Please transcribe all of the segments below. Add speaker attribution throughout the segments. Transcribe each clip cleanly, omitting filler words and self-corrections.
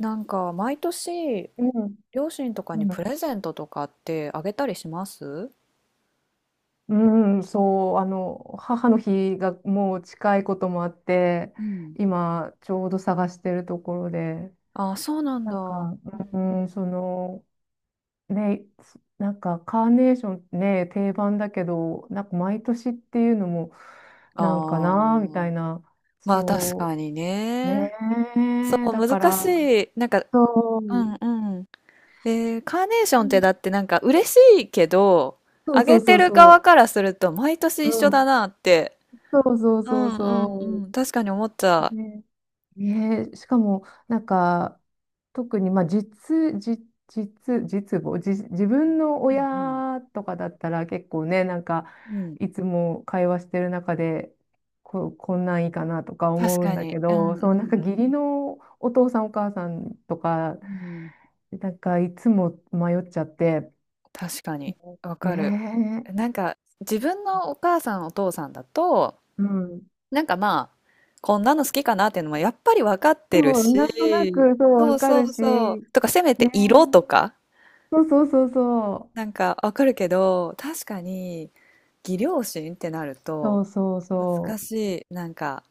Speaker 1: なんか毎年
Speaker 2: うん、
Speaker 1: 両親とかに
Speaker 2: う
Speaker 1: プレゼントとかってあげたりします？
Speaker 2: ん、うんそう、あの、母の日がもう近いこともあって、
Speaker 1: うん。
Speaker 2: 今、ちょうど探してるところで、
Speaker 1: ああ、そうなん
Speaker 2: な
Speaker 1: だ。
Speaker 2: ん
Speaker 1: う
Speaker 2: か、
Speaker 1: ん。う
Speaker 2: うん、
Speaker 1: ん。
Speaker 2: その、ね、なんか、カーネーションってね、定番だけど、なんか、毎年っていうのも、なんか
Speaker 1: あ
Speaker 2: な、みたい
Speaker 1: あ、
Speaker 2: な、
Speaker 1: まあ確
Speaker 2: そ
Speaker 1: かに
Speaker 2: う、
Speaker 1: ね。
Speaker 2: ね
Speaker 1: そ
Speaker 2: え、
Speaker 1: う、
Speaker 2: だか
Speaker 1: 難し
Speaker 2: ら、
Speaker 1: い。なんか、
Speaker 2: そう、
Speaker 1: うん
Speaker 2: う
Speaker 1: うん。カーネーションっ
Speaker 2: ん
Speaker 1: てだってなんか嬉しいけど、
Speaker 2: そう
Speaker 1: あ
Speaker 2: そ
Speaker 1: げ
Speaker 2: うそ
Speaker 1: て
Speaker 2: う
Speaker 1: る側
Speaker 2: そ
Speaker 1: からすると毎年
Speaker 2: う、
Speaker 1: 一
Speaker 2: う
Speaker 1: 緒だ
Speaker 2: ん、
Speaker 1: なって、
Speaker 2: そうそう
Speaker 1: う
Speaker 2: そう
Speaker 1: んう
Speaker 2: そ
Speaker 1: んうん、確かに思っちゃ
Speaker 2: う、ねえ、しかも、なんか、特に、まあ、実、実母、自分の
Speaker 1: う。うん
Speaker 2: 親とかだったら結構ね、なんか、
Speaker 1: うんうん。うん、
Speaker 2: いつも会話してる中で、こんなんいいかなとか
Speaker 1: 確
Speaker 2: 思うん
Speaker 1: か
Speaker 2: だ
Speaker 1: に。
Speaker 2: け
Speaker 1: うん
Speaker 2: ど、
Speaker 1: うんう
Speaker 2: そう、なんか義
Speaker 1: ん。
Speaker 2: 理のお父さんお母さんとか、
Speaker 1: うん、
Speaker 2: なんかいつも迷っちゃって、
Speaker 1: 確かに、わ
Speaker 2: え
Speaker 1: かる。
Speaker 2: え
Speaker 1: なんか、自分のお母さん、お父さんだと、
Speaker 2: うん。
Speaker 1: なんかまあ、こんなの好きかなっていうのもやっぱりわかってる
Speaker 2: そう、
Speaker 1: し、
Speaker 2: なんとなく、そう、
Speaker 1: そう
Speaker 2: わか
Speaker 1: そ
Speaker 2: る
Speaker 1: う
Speaker 2: し、
Speaker 1: そ
Speaker 2: ね
Speaker 1: う。とか、せめて
Speaker 2: え、
Speaker 1: 色とか、
Speaker 2: そうそうそうそ
Speaker 1: な
Speaker 2: う、
Speaker 1: んかわかるけど、確かに、義両親ってなる
Speaker 2: そ
Speaker 1: と、
Speaker 2: うそう
Speaker 1: 難
Speaker 2: そう。
Speaker 1: しい。なんか、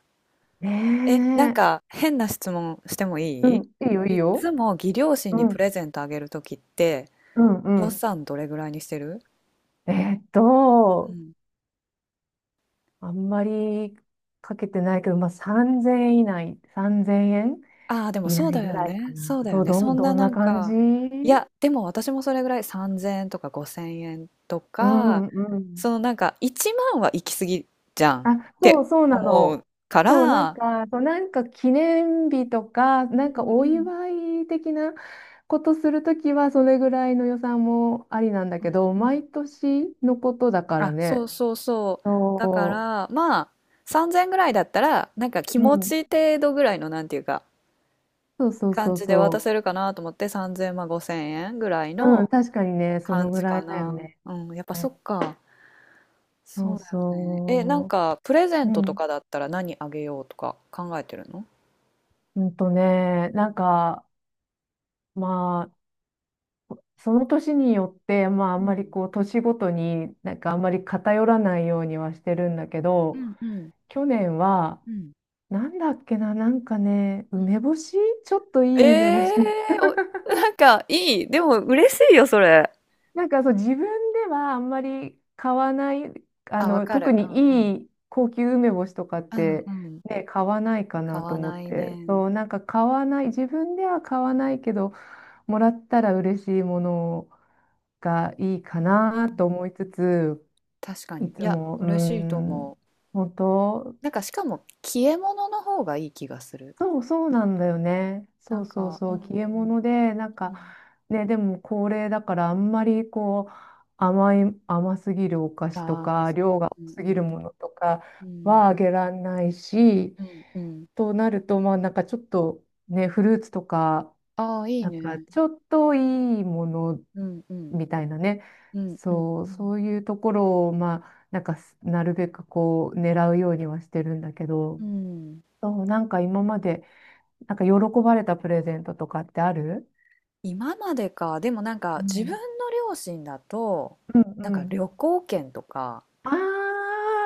Speaker 2: ね
Speaker 1: え、なん
Speaker 2: え。
Speaker 1: か、変な質問しても
Speaker 2: う
Speaker 1: いい？
Speaker 2: ん、いいよ、い
Speaker 1: い
Speaker 2: い
Speaker 1: っつ
Speaker 2: よ。
Speaker 1: も義両親
Speaker 2: う
Speaker 1: にプ
Speaker 2: ん、
Speaker 1: レゼントあげるときって、
Speaker 2: うん、う
Speaker 1: 予
Speaker 2: ん。
Speaker 1: 算どれぐらいにしてる？
Speaker 2: えーっと、あんまりかけてないけど、まあ、3000円以内、3 0円
Speaker 1: ああ、でも
Speaker 2: 以
Speaker 1: そう
Speaker 2: 内
Speaker 1: だ
Speaker 2: ぐ
Speaker 1: よ
Speaker 2: らいか
Speaker 1: ね。
Speaker 2: な。
Speaker 1: そうだよ
Speaker 2: どう、
Speaker 1: ね。
Speaker 2: ど
Speaker 1: そ
Speaker 2: ん、
Speaker 1: ん
Speaker 2: ど
Speaker 1: な
Speaker 2: ん
Speaker 1: な
Speaker 2: な
Speaker 1: ん
Speaker 2: 感じ？
Speaker 1: か、いや、でも私もそれぐらい3000円とか5000円と
Speaker 2: う
Speaker 1: か、
Speaker 2: んうん。
Speaker 1: そのなんか1万は行き過ぎじゃん
Speaker 2: あ、
Speaker 1: って
Speaker 2: そうそうな
Speaker 1: 思
Speaker 2: の。
Speaker 1: うか
Speaker 2: そう、なん
Speaker 1: ら、
Speaker 2: か、そう、なんか記念日とか、
Speaker 1: う
Speaker 2: なんか
Speaker 1: んう
Speaker 2: お
Speaker 1: ん
Speaker 2: 祝い的なことするときは、それぐらいの予算もありなんだ
Speaker 1: う
Speaker 2: けど、
Speaker 1: んうん、
Speaker 2: 毎年のことだから
Speaker 1: あ、そ
Speaker 2: ね。
Speaker 1: うそうそう。だか
Speaker 2: そ
Speaker 1: ら、まあ、3000ぐらいだったら、なんか気
Speaker 2: う。う
Speaker 1: 持
Speaker 2: ん。
Speaker 1: ち程度ぐらいの、なんていうか、
Speaker 2: そうそう
Speaker 1: 感
Speaker 2: そう
Speaker 1: じで渡
Speaker 2: そ
Speaker 1: せるかなと思って、3000、まあ5000円ぐらい
Speaker 2: う。
Speaker 1: の
Speaker 2: うん、確かにね、そ
Speaker 1: 感
Speaker 2: のぐ
Speaker 1: じ
Speaker 2: ら
Speaker 1: か
Speaker 2: いだよ
Speaker 1: な。
Speaker 2: ね。
Speaker 1: うん、やっぱそっか。
Speaker 2: そ
Speaker 1: そ
Speaker 2: う
Speaker 1: うだよね。え、なん
Speaker 2: そ
Speaker 1: か、プレゼ
Speaker 2: う。
Speaker 1: ン
Speaker 2: う
Speaker 1: トと
Speaker 2: ん。
Speaker 1: かだったら何あげようとか考えてるの？
Speaker 2: うんとね、
Speaker 1: う
Speaker 2: なん
Speaker 1: ん。
Speaker 2: か、まあ、その年によって、まあ、あ
Speaker 1: う
Speaker 2: んまり
Speaker 1: ん。
Speaker 2: こう、年ごとに、なんかあんまり偏らないようにはしてるんだけ
Speaker 1: う
Speaker 2: ど、
Speaker 1: ん。
Speaker 2: 去年は、
Speaker 1: うん。
Speaker 2: なんだっけな、なんかね、
Speaker 1: うん。
Speaker 2: 梅干し、ちょっとい
Speaker 1: え
Speaker 2: い梅干し、
Speaker 1: えー、お、なんか、いい。でも、嬉しいよ、それ。
Speaker 2: なんかそう自分ではあんまり買わない、あ
Speaker 1: あ、わ
Speaker 2: の
Speaker 1: か
Speaker 2: 特
Speaker 1: る。うんう
Speaker 2: に
Speaker 1: ん。
Speaker 2: いい高級梅干しとかっ
Speaker 1: うん
Speaker 2: て、
Speaker 1: うん。
Speaker 2: ね、買わないか
Speaker 1: 買
Speaker 2: なと
Speaker 1: わ
Speaker 2: 思っ
Speaker 1: ない
Speaker 2: て、
Speaker 1: ね。
Speaker 2: そう、なんか買わない、自分では買わないけど、もらったら嬉しいものがいい
Speaker 1: う
Speaker 2: かな
Speaker 1: ん
Speaker 2: と
Speaker 1: うん、
Speaker 2: 思いつつ、
Speaker 1: 確かに。
Speaker 2: い
Speaker 1: い
Speaker 2: つ
Speaker 1: や、
Speaker 2: も、うー
Speaker 1: 嬉しいと思う。
Speaker 2: ん、本当、
Speaker 1: なんか、しかも、消え物の方がいい気がする。
Speaker 2: そうそうなんだよね。
Speaker 1: な
Speaker 2: そう
Speaker 1: ん
Speaker 2: そう
Speaker 1: か、う
Speaker 2: そ
Speaker 1: ん。
Speaker 2: う、消え物で、なん
Speaker 1: う
Speaker 2: か、
Speaker 1: ん。
Speaker 2: ね、でも高齢だから、あんまりこう、甘い、甘すぎるお菓子と
Speaker 1: ああ、
Speaker 2: か、
Speaker 1: そう。
Speaker 2: 量が多
Speaker 1: うん
Speaker 2: すぎるものとか
Speaker 1: うんうん。
Speaker 2: はあげられないし、
Speaker 1: うんうん。
Speaker 2: となると、まあ、なんかちょっとね、フルーツとか、
Speaker 1: ああ、いい
Speaker 2: なんか
Speaker 1: ね。
Speaker 2: ちょっといいもの
Speaker 1: うんうん
Speaker 2: みたいなね、
Speaker 1: うんうん
Speaker 2: そう、
Speaker 1: うん
Speaker 2: そういうところを、まあ、なんかすなるべくこう、狙うようにはしてるんだけど、
Speaker 1: うん。
Speaker 2: そう、なんか今まで、なんか喜ばれたプレゼントとかってある？
Speaker 1: 今までか、でもなんか
Speaker 2: う
Speaker 1: 自分の
Speaker 2: ん。
Speaker 1: 両親だと
Speaker 2: うん
Speaker 1: なん
Speaker 2: う
Speaker 1: か
Speaker 2: ん。
Speaker 1: 旅行券とか、
Speaker 2: あ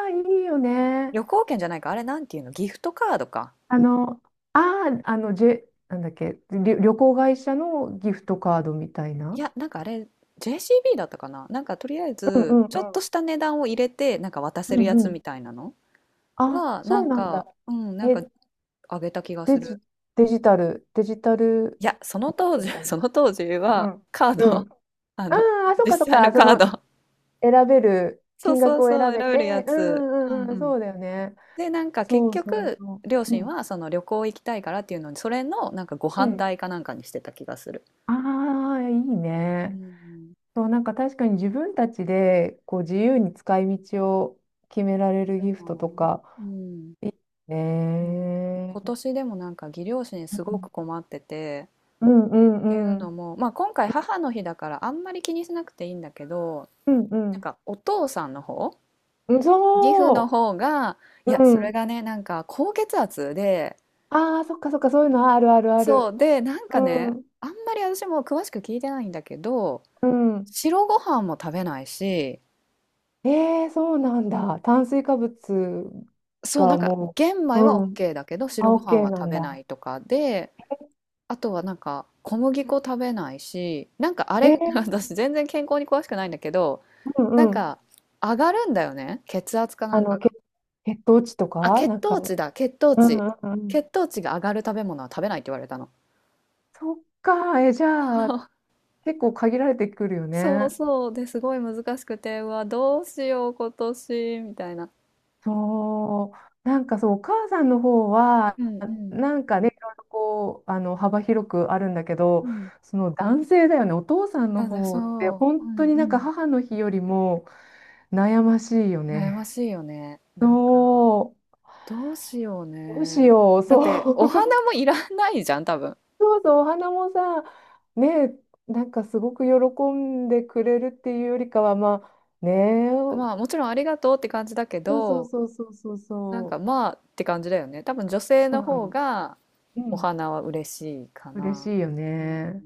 Speaker 2: あ、いいよね。
Speaker 1: 旅行券じゃないか、あれ、なんていうの、ギフトカードか。
Speaker 2: あの、ああ、あの、なんだっけ、旅行会社のギフトカードみたい
Speaker 1: い
Speaker 2: な。
Speaker 1: やなんかあれ、 JCB だったかな、なんかとりあえ
Speaker 2: うんう
Speaker 1: ず
Speaker 2: ん
Speaker 1: ちょっ
Speaker 2: う
Speaker 1: と
Speaker 2: ん。
Speaker 1: した値段を入れてなんか渡
Speaker 2: う
Speaker 1: せる
Speaker 2: ん
Speaker 1: や
Speaker 2: う
Speaker 1: つみ
Speaker 2: ん。
Speaker 1: たいなの
Speaker 2: あ、
Speaker 1: は、な
Speaker 2: そう
Speaker 1: ん
Speaker 2: なん
Speaker 1: か、
Speaker 2: だ。
Speaker 1: うん、なん
Speaker 2: え、
Speaker 1: かあげた気がす
Speaker 2: デ
Speaker 1: る。
Speaker 2: ジ、デジタル、デジタ
Speaker 1: い
Speaker 2: ル
Speaker 1: や、その
Speaker 2: ギフ
Speaker 1: 当
Speaker 2: ト
Speaker 1: 時
Speaker 2: み たいな。
Speaker 1: その当時
Speaker 2: う
Speaker 1: は
Speaker 2: ん。
Speaker 1: カー
Speaker 2: う
Speaker 1: ド、
Speaker 2: ん。
Speaker 1: あの
Speaker 2: ああ、そっかそっ
Speaker 1: 実際の
Speaker 2: か。そ
Speaker 1: カー
Speaker 2: の、
Speaker 1: ド、
Speaker 2: 選べる、
Speaker 1: そう
Speaker 2: 金
Speaker 1: そ
Speaker 2: 額
Speaker 1: う
Speaker 2: を選
Speaker 1: そう、選
Speaker 2: べ
Speaker 1: べるや
Speaker 2: て。う
Speaker 1: つ。
Speaker 2: んうん
Speaker 1: う
Speaker 2: うんう
Speaker 1: んう
Speaker 2: ん。
Speaker 1: ん。
Speaker 2: そうだよね。
Speaker 1: で、なんか結
Speaker 2: そうそう
Speaker 1: 局、
Speaker 2: そ
Speaker 1: 両
Speaker 2: う。う
Speaker 1: 親
Speaker 2: ん。
Speaker 1: はその旅行行きたいからっていうのに、それのなんかご
Speaker 2: う
Speaker 1: 飯
Speaker 2: ん。
Speaker 1: 代かなんかにしてた気がする。
Speaker 2: ああ、いい
Speaker 1: う
Speaker 2: ね。
Speaker 1: ん
Speaker 2: そう、なんか確かに自分たちでこう自由に使い道を決められるギフ
Speaker 1: う
Speaker 2: トと
Speaker 1: ん
Speaker 2: か。
Speaker 1: うんう
Speaker 2: ね
Speaker 1: ん。今
Speaker 2: え。
Speaker 1: 年でもなんか義両親すごく困ってて、
Speaker 2: うんう
Speaker 1: っていう
Speaker 2: んう
Speaker 1: の
Speaker 2: ん。
Speaker 1: も、まあ、今回母の日だからあんまり気にしなくていいんだけど、
Speaker 2: うんう
Speaker 1: なん
Speaker 2: ん。
Speaker 1: かお父さんの方、
Speaker 2: うん
Speaker 1: 義父の
Speaker 2: そ
Speaker 1: 方が、いや、
Speaker 2: う。う
Speaker 1: それ
Speaker 2: ん。
Speaker 1: がね、なんか高血圧で、
Speaker 2: ああ、そっかそっか、そういうのあるあるあ
Speaker 1: そ
Speaker 2: る。
Speaker 1: うで、なん
Speaker 2: う
Speaker 1: かね、
Speaker 2: ん。
Speaker 1: あんまり私も詳しく聞いてないんだけど、
Speaker 2: うん。
Speaker 1: 白ご飯も食べないし、
Speaker 2: ええ、そうなんだ。炭水化物
Speaker 1: そう、な
Speaker 2: が
Speaker 1: んか
Speaker 2: も
Speaker 1: 玄
Speaker 2: う、
Speaker 1: 米は
Speaker 2: うん。
Speaker 1: OK だけど白
Speaker 2: あ、
Speaker 1: ご飯
Speaker 2: OK
Speaker 1: は
Speaker 2: な
Speaker 1: 食
Speaker 2: ん
Speaker 1: べな
Speaker 2: だ。
Speaker 1: いとかで、あとはなんか小麦粉食べないし、なんかあ
Speaker 2: え
Speaker 1: れ
Speaker 2: え、
Speaker 1: 私全然健康に詳しくないんだけど、
Speaker 2: う
Speaker 1: な
Speaker 2: ん
Speaker 1: ん
Speaker 2: うん。
Speaker 1: か上がるんだよね、血圧かな
Speaker 2: あ
Speaker 1: ん
Speaker 2: の、
Speaker 1: かが。
Speaker 2: 血糖値と
Speaker 1: あ、
Speaker 2: か、
Speaker 1: 血
Speaker 2: なんか、
Speaker 1: 糖値
Speaker 2: う
Speaker 1: だ、血糖
Speaker 2: んう
Speaker 1: 値。
Speaker 2: んうん。
Speaker 1: 血糖値が上がる食べ物は食べないって言われたの。
Speaker 2: そっか、え、じゃあ、結構限られてくるよ
Speaker 1: そう
Speaker 2: ね。
Speaker 1: そうですごい難しくて、うわ、どうしよう今年みたいな。
Speaker 2: そう、なんかそう、お母さんの方は、
Speaker 1: うんうん
Speaker 2: なんかね、いろいろこう、あの、幅広くあるんだけ
Speaker 1: う
Speaker 2: ど、
Speaker 1: ん。
Speaker 2: その男性だよね、お父さんの
Speaker 1: なんだ、
Speaker 2: 方って、
Speaker 1: そう、う
Speaker 2: 本
Speaker 1: ん
Speaker 2: 当
Speaker 1: う
Speaker 2: になんか
Speaker 1: ん。
Speaker 2: 母の日よりも悩ましいよ
Speaker 1: 悩ま
Speaker 2: ね。
Speaker 1: しいよね。なんか。
Speaker 2: そ
Speaker 1: どうしよう
Speaker 2: う、どうし
Speaker 1: ね。
Speaker 2: よう、
Speaker 1: だ
Speaker 2: そ
Speaker 1: って、お花
Speaker 2: う、
Speaker 1: もいらないじゃん、多分。
Speaker 2: そうそう、お花もさ、ね、なんかすごく喜んでくれるっていうよりかは、まあ、ね、
Speaker 1: まあ、もちろんありがとうって感じだけ
Speaker 2: そうそう
Speaker 1: ど、
Speaker 2: そうそうそう
Speaker 1: なん
Speaker 2: そ
Speaker 1: か
Speaker 2: う。
Speaker 1: まあって感じだよね。多分女性
Speaker 2: そう
Speaker 1: の
Speaker 2: な
Speaker 1: 方
Speaker 2: の。
Speaker 1: が
Speaker 2: う
Speaker 1: お
Speaker 2: ん。
Speaker 1: 花は嬉しいか
Speaker 2: 嬉
Speaker 1: な。
Speaker 2: しいよ
Speaker 1: うん。
Speaker 2: ね。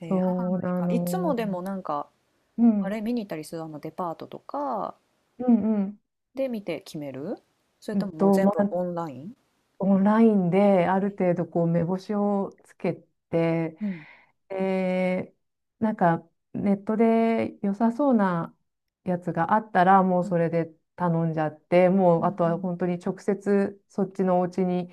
Speaker 1: 母
Speaker 2: そう
Speaker 1: の日
Speaker 2: な
Speaker 1: か。いつも
Speaker 2: の。
Speaker 1: でもなんか、
Speaker 2: う
Speaker 1: あ
Speaker 2: ん。
Speaker 1: れ見に行ったりするあのデパートとか
Speaker 2: うんうん。
Speaker 1: で見て決める？それ
Speaker 2: う
Speaker 1: と
Speaker 2: ん
Speaker 1: ももう
Speaker 2: と、
Speaker 1: 全
Speaker 2: ま
Speaker 1: 部
Speaker 2: あ、
Speaker 1: オンライン？
Speaker 2: オンラインである
Speaker 1: う
Speaker 2: 程
Speaker 1: ん。
Speaker 2: 度こう目星をつけて、
Speaker 1: うん。
Speaker 2: で、なんかネットで良さそうなやつがあったら、もう
Speaker 1: う
Speaker 2: そ
Speaker 1: ん
Speaker 2: れで頼んじゃって、も
Speaker 1: う
Speaker 2: うあ
Speaker 1: ん。
Speaker 2: と
Speaker 1: う
Speaker 2: は本
Speaker 1: ん、
Speaker 2: 当に直接そっちのお家に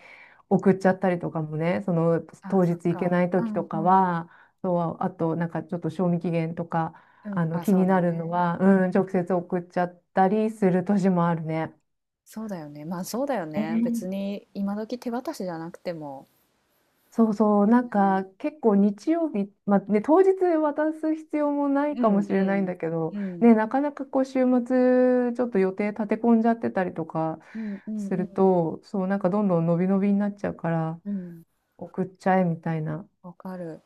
Speaker 2: 送っちゃったりとかもね、その
Speaker 1: あ、
Speaker 2: 当
Speaker 1: そっ
Speaker 2: 日行け
Speaker 1: か。
Speaker 2: ない
Speaker 1: う
Speaker 2: 時
Speaker 1: ん
Speaker 2: とか
Speaker 1: うん。
Speaker 2: は、そう、あとなんかちょっと賞味期限とか、
Speaker 1: う
Speaker 2: あ
Speaker 1: ん。
Speaker 2: の
Speaker 1: あ、
Speaker 2: 気
Speaker 1: そう
Speaker 2: に
Speaker 1: だ
Speaker 2: なるの
Speaker 1: ね。
Speaker 2: は、うん、直接送っちゃったりする年もあるね。
Speaker 1: そうだよね。まあ、そうだよ
Speaker 2: え
Speaker 1: ね。別
Speaker 2: え、
Speaker 1: に今時手渡しじゃなくても。
Speaker 2: そうそう、なんか
Speaker 1: ね、
Speaker 2: 結構日曜日、まあね、当日渡す必要もない
Speaker 1: う
Speaker 2: か
Speaker 1: んう
Speaker 2: もしれないん
Speaker 1: ん
Speaker 2: だけど、
Speaker 1: うん
Speaker 2: ね、なかなかこう週末ちょっと予定立て込んじゃってたりとか
Speaker 1: うんうん
Speaker 2: す
Speaker 1: う
Speaker 2: る
Speaker 1: ん
Speaker 2: と、そう、なんかどんどん伸び伸びになっちゃうから
Speaker 1: うん、
Speaker 2: 送っちゃえみたいな。
Speaker 1: わかる、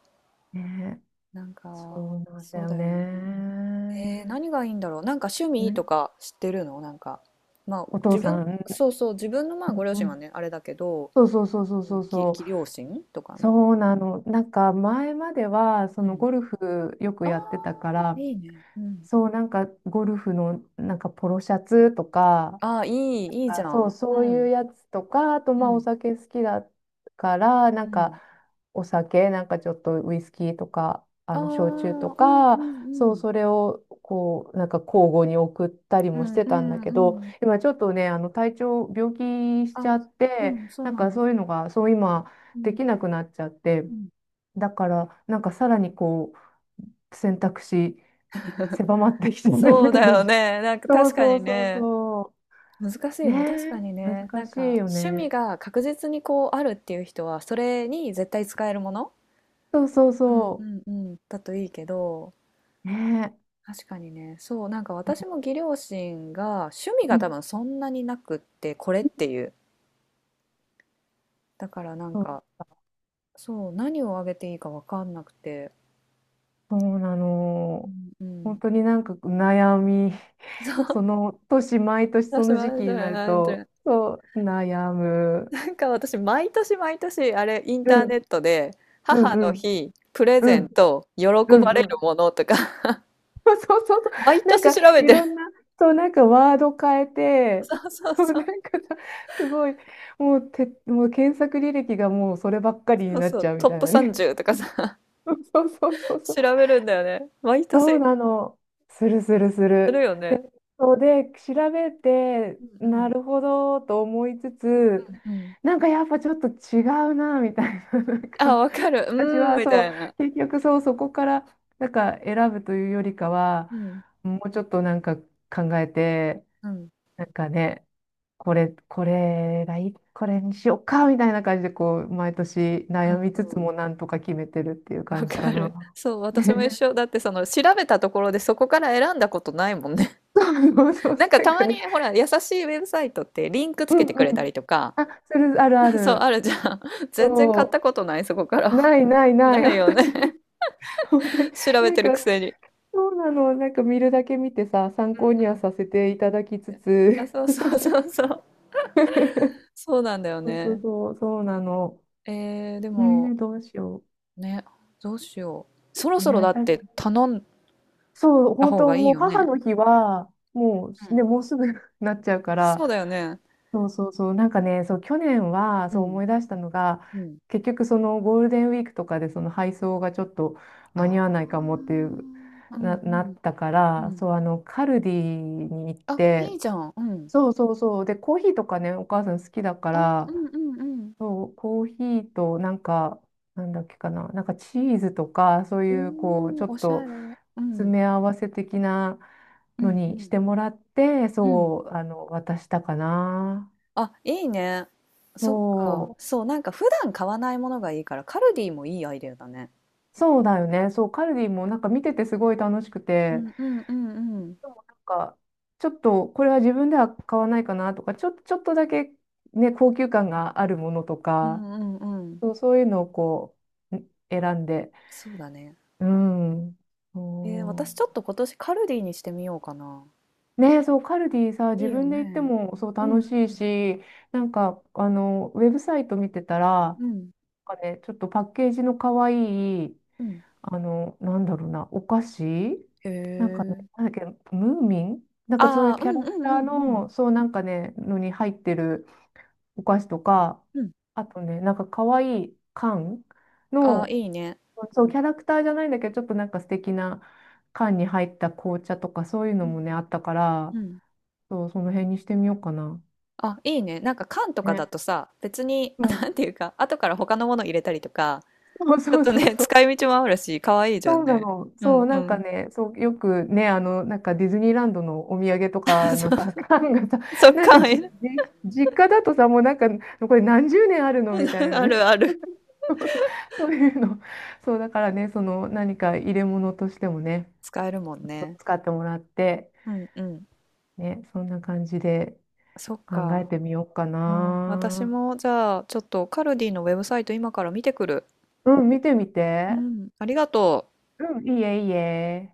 Speaker 2: ね、
Speaker 1: なんか、
Speaker 2: そうなんだ
Speaker 1: そう
Speaker 2: よ
Speaker 1: だよね。
Speaker 2: ね。
Speaker 1: 何がいいんだろう、なんか趣味と
Speaker 2: ね、
Speaker 1: か知ってるの、なんかまあ
Speaker 2: お父
Speaker 1: 自
Speaker 2: さ
Speaker 1: 分、
Speaker 2: ん、
Speaker 1: そうそう、自分のまあご両
Speaker 2: う
Speaker 1: 親は
Speaker 2: ん、
Speaker 1: ねあれだけど、
Speaker 2: そうそうそうそう
Speaker 1: そ
Speaker 2: そ
Speaker 1: の
Speaker 2: う
Speaker 1: 義
Speaker 2: そう、
Speaker 1: 義両親とかの。
Speaker 2: そうなの。なんか前まではそ
Speaker 1: う
Speaker 2: の
Speaker 1: ん。
Speaker 2: ゴルフよく
Speaker 1: あ
Speaker 2: やってたか
Speaker 1: あ、ー
Speaker 2: ら、
Speaker 1: いいねうん。
Speaker 2: そう、なんかゴルフのなんかポロシャツとか、
Speaker 1: ああ、ーいいいいじ
Speaker 2: あ、
Speaker 1: ゃ
Speaker 2: そう、
Speaker 1: んう
Speaker 2: そうい
Speaker 1: ん。
Speaker 2: うやつとか、あと
Speaker 1: う
Speaker 2: まあお
Speaker 1: ん
Speaker 2: 酒好きだから、な
Speaker 1: う
Speaker 2: ん
Speaker 1: ん、
Speaker 2: かお酒、なんかちょっとウイスキーとか、あ
Speaker 1: ああ、
Speaker 2: の焼酎と
Speaker 1: うんう
Speaker 2: か、そう、
Speaker 1: ん
Speaker 2: それをこう、なんか交互に送ったり
Speaker 1: う
Speaker 2: もし
Speaker 1: んうん
Speaker 2: て
Speaker 1: う
Speaker 2: たんだ
Speaker 1: んうん
Speaker 2: け
Speaker 1: う
Speaker 2: ど、
Speaker 1: ん。
Speaker 2: 今ちょっとね、あの体調、病気しち
Speaker 1: あ、
Speaker 2: ゃっ
Speaker 1: う
Speaker 2: て、
Speaker 1: ん、そう
Speaker 2: なん
Speaker 1: な
Speaker 2: か
Speaker 1: ん
Speaker 2: そ
Speaker 1: だ。
Speaker 2: ういうのが、そう今
Speaker 1: う
Speaker 2: で
Speaker 1: ん、
Speaker 2: きなくなっちゃって、
Speaker 1: うん。
Speaker 2: だからなんかさらにこう、選択肢狭まってきてる
Speaker 1: そうだ
Speaker 2: 感
Speaker 1: よ
Speaker 2: じ、
Speaker 1: ね。なんか
Speaker 2: そう
Speaker 1: 確か
Speaker 2: そ
Speaker 1: に
Speaker 2: うそう
Speaker 1: ね。
Speaker 2: そ
Speaker 1: 難し
Speaker 2: う。
Speaker 1: いね。確
Speaker 2: ねえ、
Speaker 1: かにね。な
Speaker 2: 難
Speaker 1: ん
Speaker 2: し
Speaker 1: か
Speaker 2: いよ
Speaker 1: 趣味
Speaker 2: ね。
Speaker 1: が確実にこうあるっていう人は、それに絶対使えるもの、
Speaker 2: そうそう
Speaker 1: うん
Speaker 2: そ
Speaker 1: うんうん、だといいけど、
Speaker 2: う。ねえ。
Speaker 1: 確かにね。そう、なんか
Speaker 2: う
Speaker 1: 私も義両親が趣味が多分
Speaker 2: ん、
Speaker 1: そんなになくって、これっていう。だからなん
Speaker 2: そう
Speaker 1: か、そう、何をあげていいかわかんなくて。
Speaker 2: そうな
Speaker 1: う
Speaker 2: の。
Speaker 1: んうん。
Speaker 2: 本当になんか悩み、
Speaker 1: そ
Speaker 2: そ
Speaker 1: う、
Speaker 2: の年、毎 年そ
Speaker 1: 私
Speaker 2: の
Speaker 1: もあ
Speaker 2: 時
Speaker 1: れ
Speaker 2: 期
Speaker 1: だ
Speaker 2: になる
Speaker 1: よ
Speaker 2: と、
Speaker 1: ね。
Speaker 2: そう、悩む。
Speaker 1: なんか私、毎年毎年、あれ、イン
Speaker 2: う
Speaker 1: ターネ
Speaker 2: ん、
Speaker 1: ットで、
Speaker 2: う
Speaker 1: 母
Speaker 2: ん、う
Speaker 1: の
Speaker 2: ん、
Speaker 1: 日、プレ
Speaker 2: う
Speaker 1: ゼン
Speaker 2: ん、
Speaker 1: ト、喜
Speaker 2: うん、
Speaker 1: ばれ
Speaker 2: う
Speaker 1: る
Speaker 2: ん。
Speaker 1: ものとか、
Speaker 2: そうそうそ
Speaker 1: 毎
Speaker 2: う。なん
Speaker 1: 年
Speaker 2: か、
Speaker 1: 調べ
Speaker 2: い
Speaker 1: て
Speaker 2: ろん
Speaker 1: る。
Speaker 2: な、そう、なんかワード変え て、
Speaker 1: そうそう
Speaker 2: もう
Speaker 1: そ
Speaker 2: な
Speaker 1: う、
Speaker 2: んかさ、すごい、もう、て、もう検索履歴がもうそればっかりに
Speaker 1: そう
Speaker 2: なっ
Speaker 1: そ
Speaker 2: ち
Speaker 1: う、
Speaker 2: ゃうみ
Speaker 1: トッ
Speaker 2: たい
Speaker 1: プ
Speaker 2: なね。
Speaker 1: 30とかさ、
Speaker 2: そうそうそ うそう。
Speaker 1: 調べるんだよね。毎
Speaker 2: そう
Speaker 1: 年、
Speaker 2: なの。するするす
Speaker 1: す
Speaker 2: る。
Speaker 1: るよね。
Speaker 2: そうで、調べて、
Speaker 1: うんう
Speaker 2: な
Speaker 1: ん。
Speaker 2: るほどと思いつつ、
Speaker 1: うん。
Speaker 2: なんかやっぱちょっと違うな、みたいな。なんか
Speaker 1: あ、わかる。
Speaker 2: 私
Speaker 1: うーん、
Speaker 2: は
Speaker 1: み
Speaker 2: そ
Speaker 1: た
Speaker 2: う
Speaker 1: いな。
Speaker 2: 結局そうそこからなんか選ぶというよりか
Speaker 1: う
Speaker 2: は
Speaker 1: ん。
Speaker 2: もうちょっとなんか考えて
Speaker 1: うん。
Speaker 2: なんかねこれこれがいいこれにしようかみたいな感じでこう毎年
Speaker 1: う
Speaker 2: 悩
Speaker 1: ん
Speaker 2: みつつ
Speaker 1: う
Speaker 2: も
Speaker 1: ん。
Speaker 2: なんとか決めてるっていう
Speaker 1: わ
Speaker 2: 感じ
Speaker 1: か
Speaker 2: かな。
Speaker 1: る。そう、私も一 緒。だってその、調べたところでそこから選んだことないもんね。
Speaker 2: そうそう、
Speaker 1: なんか
Speaker 2: なん
Speaker 1: た
Speaker 2: か
Speaker 1: ま
Speaker 2: ね、
Speaker 1: に、ほら、優しいウェブサイトってリンクつ
Speaker 2: うん
Speaker 1: けて
Speaker 2: う
Speaker 1: くれた
Speaker 2: ん、
Speaker 1: りとか、
Speaker 2: あ、それあるあ
Speaker 1: そう、あ
Speaker 2: る、
Speaker 1: るじゃん。全然買っ
Speaker 2: そ
Speaker 1: たことない、そこか
Speaker 2: う
Speaker 1: ら。
Speaker 2: な いないない、
Speaker 1: ないよ
Speaker 2: 私も
Speaker 1: ね。
Speaker 2: 本当に
Speaker 1: 調べ
Speaker 2: なん
Speaker 1: てる
Speaker 2: か、
Speaker 1: くせに。
Speaker 2: そうなの、なんか見るだけ見てさ参考
Speaker 1: うん
Speaker 2: に
Speaker 1: う
Speaker 2: は
Speaker 1: ん。
Speaker 2: させていただきつ
Speaker 1: あ、
Speaker 2: つ、
Speaker 1: そうそうそうそう。そうなんだよ
Speaker 2: そうそう
Speaker 1: ね。
Speaker 2: そう、そうなの。
Speaker 1: で
Speaker 2: ね
Speaker 1: も、
Speaker 2: え、どうしよ
Speaker 1: ね、どうしよう。そろ
Speaker 2: う。
Speaker 1: そろ
Speaker 2: ねえ、
Speaker 1: だっ
Speaker 2: 確か
Speaker 1: て
Speaker 2: に。
Speaker 1: 頼ん
Speaker 2: そう、
Speaker 1: だ
Speaker 2: 本
Speaker 1: 方
Speaker 2: 当
Speaker 1: がいい
Speaker 2: もう
Speaker 1: よ
Speaker 2: 母
Speaker 1: ね。
Speaker 2: の日は、も
Speaker 1: う
Speaker 2: う、
Speaker 1: ん。
Speaker 2: ね、もうすぐ なっちゃうから、
Speaker 1: そうだよね。
Speaker 2: そうそうそう、なんかね、そう、去年は、
Speaker 1: う
Speaker 2: そう
Speaker 1: ん。
Speaker 2: 思い出したのが、
Speaker 1: うん。
Speaker 2: 結局そのゴールデンウィークとかでその配送がちょっと
Speaker 1: あ
Speaker 2: 間に合わ
Speaker 1: あ。
Speaker 2: な
Speaker 1: う
Speaker 2: いかもっていう、
Speaker 1: んう
Speaker 2: な、なっ
Speaker 1: ん
Speaker 2: たか
Speaker 1: う
Speaker 2: ら、
Speaker 1: ん。
Speaker 2: そう、あの、カルディに行っ
Speaker 1: あ、いい
Speaker 2: て、
Speaker 1: じゃん。うん。
Speaker 2: そうそうそう、で、コーヒーとかね、お母さん好きだか
Speaker 1: あ、う
Speaker 2: ら、
Speaker 1: んうんうん。
Speaker 2: そう、コーヒーとなんか、なんだっけかな、なんかチーズとか、そう
Speaker 1: お
Speaker 2: いうこう、ちょ
Speaker 1: お、
Speaker 2: っ
Speaker 1: おしゃ
Speaker 2: と
Speaker 1: れ。う
Speaker 2: 詰
Speaker 1: ん。
Speaker 2: め合わせ的な
Speaker 1: う
Speaker 2: の
Speaker 1: んう
Speaker 2: にし
Speaker 1: ん。
Speaker 2: てもらって、
Speaker 1: うん。
Speaker 2: そう、あの、渡したかな。
Speaker 1: あ、いいね。そっか。
Speaker 2: そ
Speaker 1: そう、なんか普段買わないものがいいから、カルディもいいアイデアだね。
Speaker 2: う、そうだよね。そう、カルディもなんか見ててすごい楽しく
Speaker 1: う
Speaker 2: て、
Speaker 1: んうんうんうん。
Speaker 2: でもなんか、ちょっとこれは自分では買わないかなとか、ちょっとだけね、高級感があるものと
Speaker 1: う
Speaker 2: か、
Speaker 1: んうんうん。
Speaker 2: そう、そういうのをこう、選んで、
Speaker 1: そうだね。
Speaker 2: うん。
Speaker 1: 私
Speaker 2: そ
Speaker 1: ちょっ
Speaker 2: う、
Speaker 1: と今年カルディにしてみようかな。
Speaker 2: ねえ、そう、カルディさ、
Speaker 1: い
Speaker 2: 自
Speaker 1: いよ
Speaker 2: 分で行って
Speaker 1: ね。
Speaker 2: もそう
Speaker 1: う
Speaker 2: 楽し
Speaker 1: ん
Speaker 2: いし、なんか、あの、ウェブサイト見てたら、
Speaker 1: うん
Speaker 2: なんかね、ちょっとパッケージの可愛いい、
Speaker 1: うん。
Speaker 2: あの、なんだろうな、お菓子
Speaker 1: へ
Speaker 2: なんかね、
Speaker 1: え。
Speaker 2: なんだっけ、ムーミンなんかそういう
Speaker 1: あ
Speaker 2: キ
Speaker 1: あ、
Speaker 2: ャ
Speaker 1: う
Speaker 2: ラ
Speaker 1: んう
Speaker 2: ク
Speaker 1: ん
Speaker 2: ター
Speaker 1: うんう
Speaker 2: の、
Speaker 1: ん
Speaker 2: そうなんかね、のに入ってるお菓子とか、
Speaker 1: うん。
Speaker 2: あとね、なんか可愛いい缶
Speaker 1: ああ、
Speaker 2: の、
Speaker 1: いいね。う
Speaker 2: そう、
Speaker 1: ん
Speaker 2: キャラクターじゃないんだけど、ちょっとなんか素敵な缶に入った紅茶とか、そういう
Speaker 1: う
Speaker 2: のもね、
Speaker 1: ん
Speaker 2: あったから、
Speaker 1: うん。
Speaker 2: そう、その辺にしてみようかな。
Speaker 1: あ、いいね。なんか缶とかだ
Speaker 2: ね。
Speaker 1: とさ、別に、
Speaker 2: う
Speaker 1: あ、
Speaker 2: ん。
Speaker 1: なんていうか、後から他のもの入れたりとか、
Speaker 2: そう
Speaker 1: ちょっ
Speaker 2: そう
Speaker 1: と
Speaker 2: そう
Speaker 1: ね、
Speaker 2: そう。
Speaker 1: 使い道もあるし、可愛いじゃ
Speaker 2: そ
Speaker 1: ん
Speaker 2: うな
Speaker 1: ね。
Speaker 2: の。
Speaker 1: う
Speaker 2: そう、
Speaker 1: んう
Speaker 2: なんか
Speaker 1: ん。
Speaker 2: ね、そう、よくね、あの、なんかディズニーランドのお土産とか
Speaker 1: そ
Speaker 2: のさ、缶がさ、
Speaker 1: う、そっ
Speaker 2: なんか
Speaker 1: か、
Speaker 2: じ、
Speaker 1: え
Speaker 2: じ、実家だとさ、もうなんか、これ何十年あるのみたい な
Speaker 1: あ
Speaker 2: ね。
Speaker 1: るあ る。
Speaker 2: そうそう、そういうの。そう、だからね、その何か入れ物としてもね、
Speaker 1: 使えるもんね。
Speaker 2: 使ってもらって、
Speaker 1: うんうん。
Speaker 2: ね、そんな感じで
Speaker 1: そっ
Speaker 2: 考え
Speaker 1: か。
Speaker 2: てみようか
Speaker 1: うん。私
Speaker 2: な。
Speaker 1: も、じゃあ、ちょっとカルディのウェブサイト今から見てくる。
Speaker 2: うん、見てみ
Speaker 1: う
Speaker 2: て。
Speaker 1: ん。ありがとう。
Speaker 2: うん。いいえ、いいえ。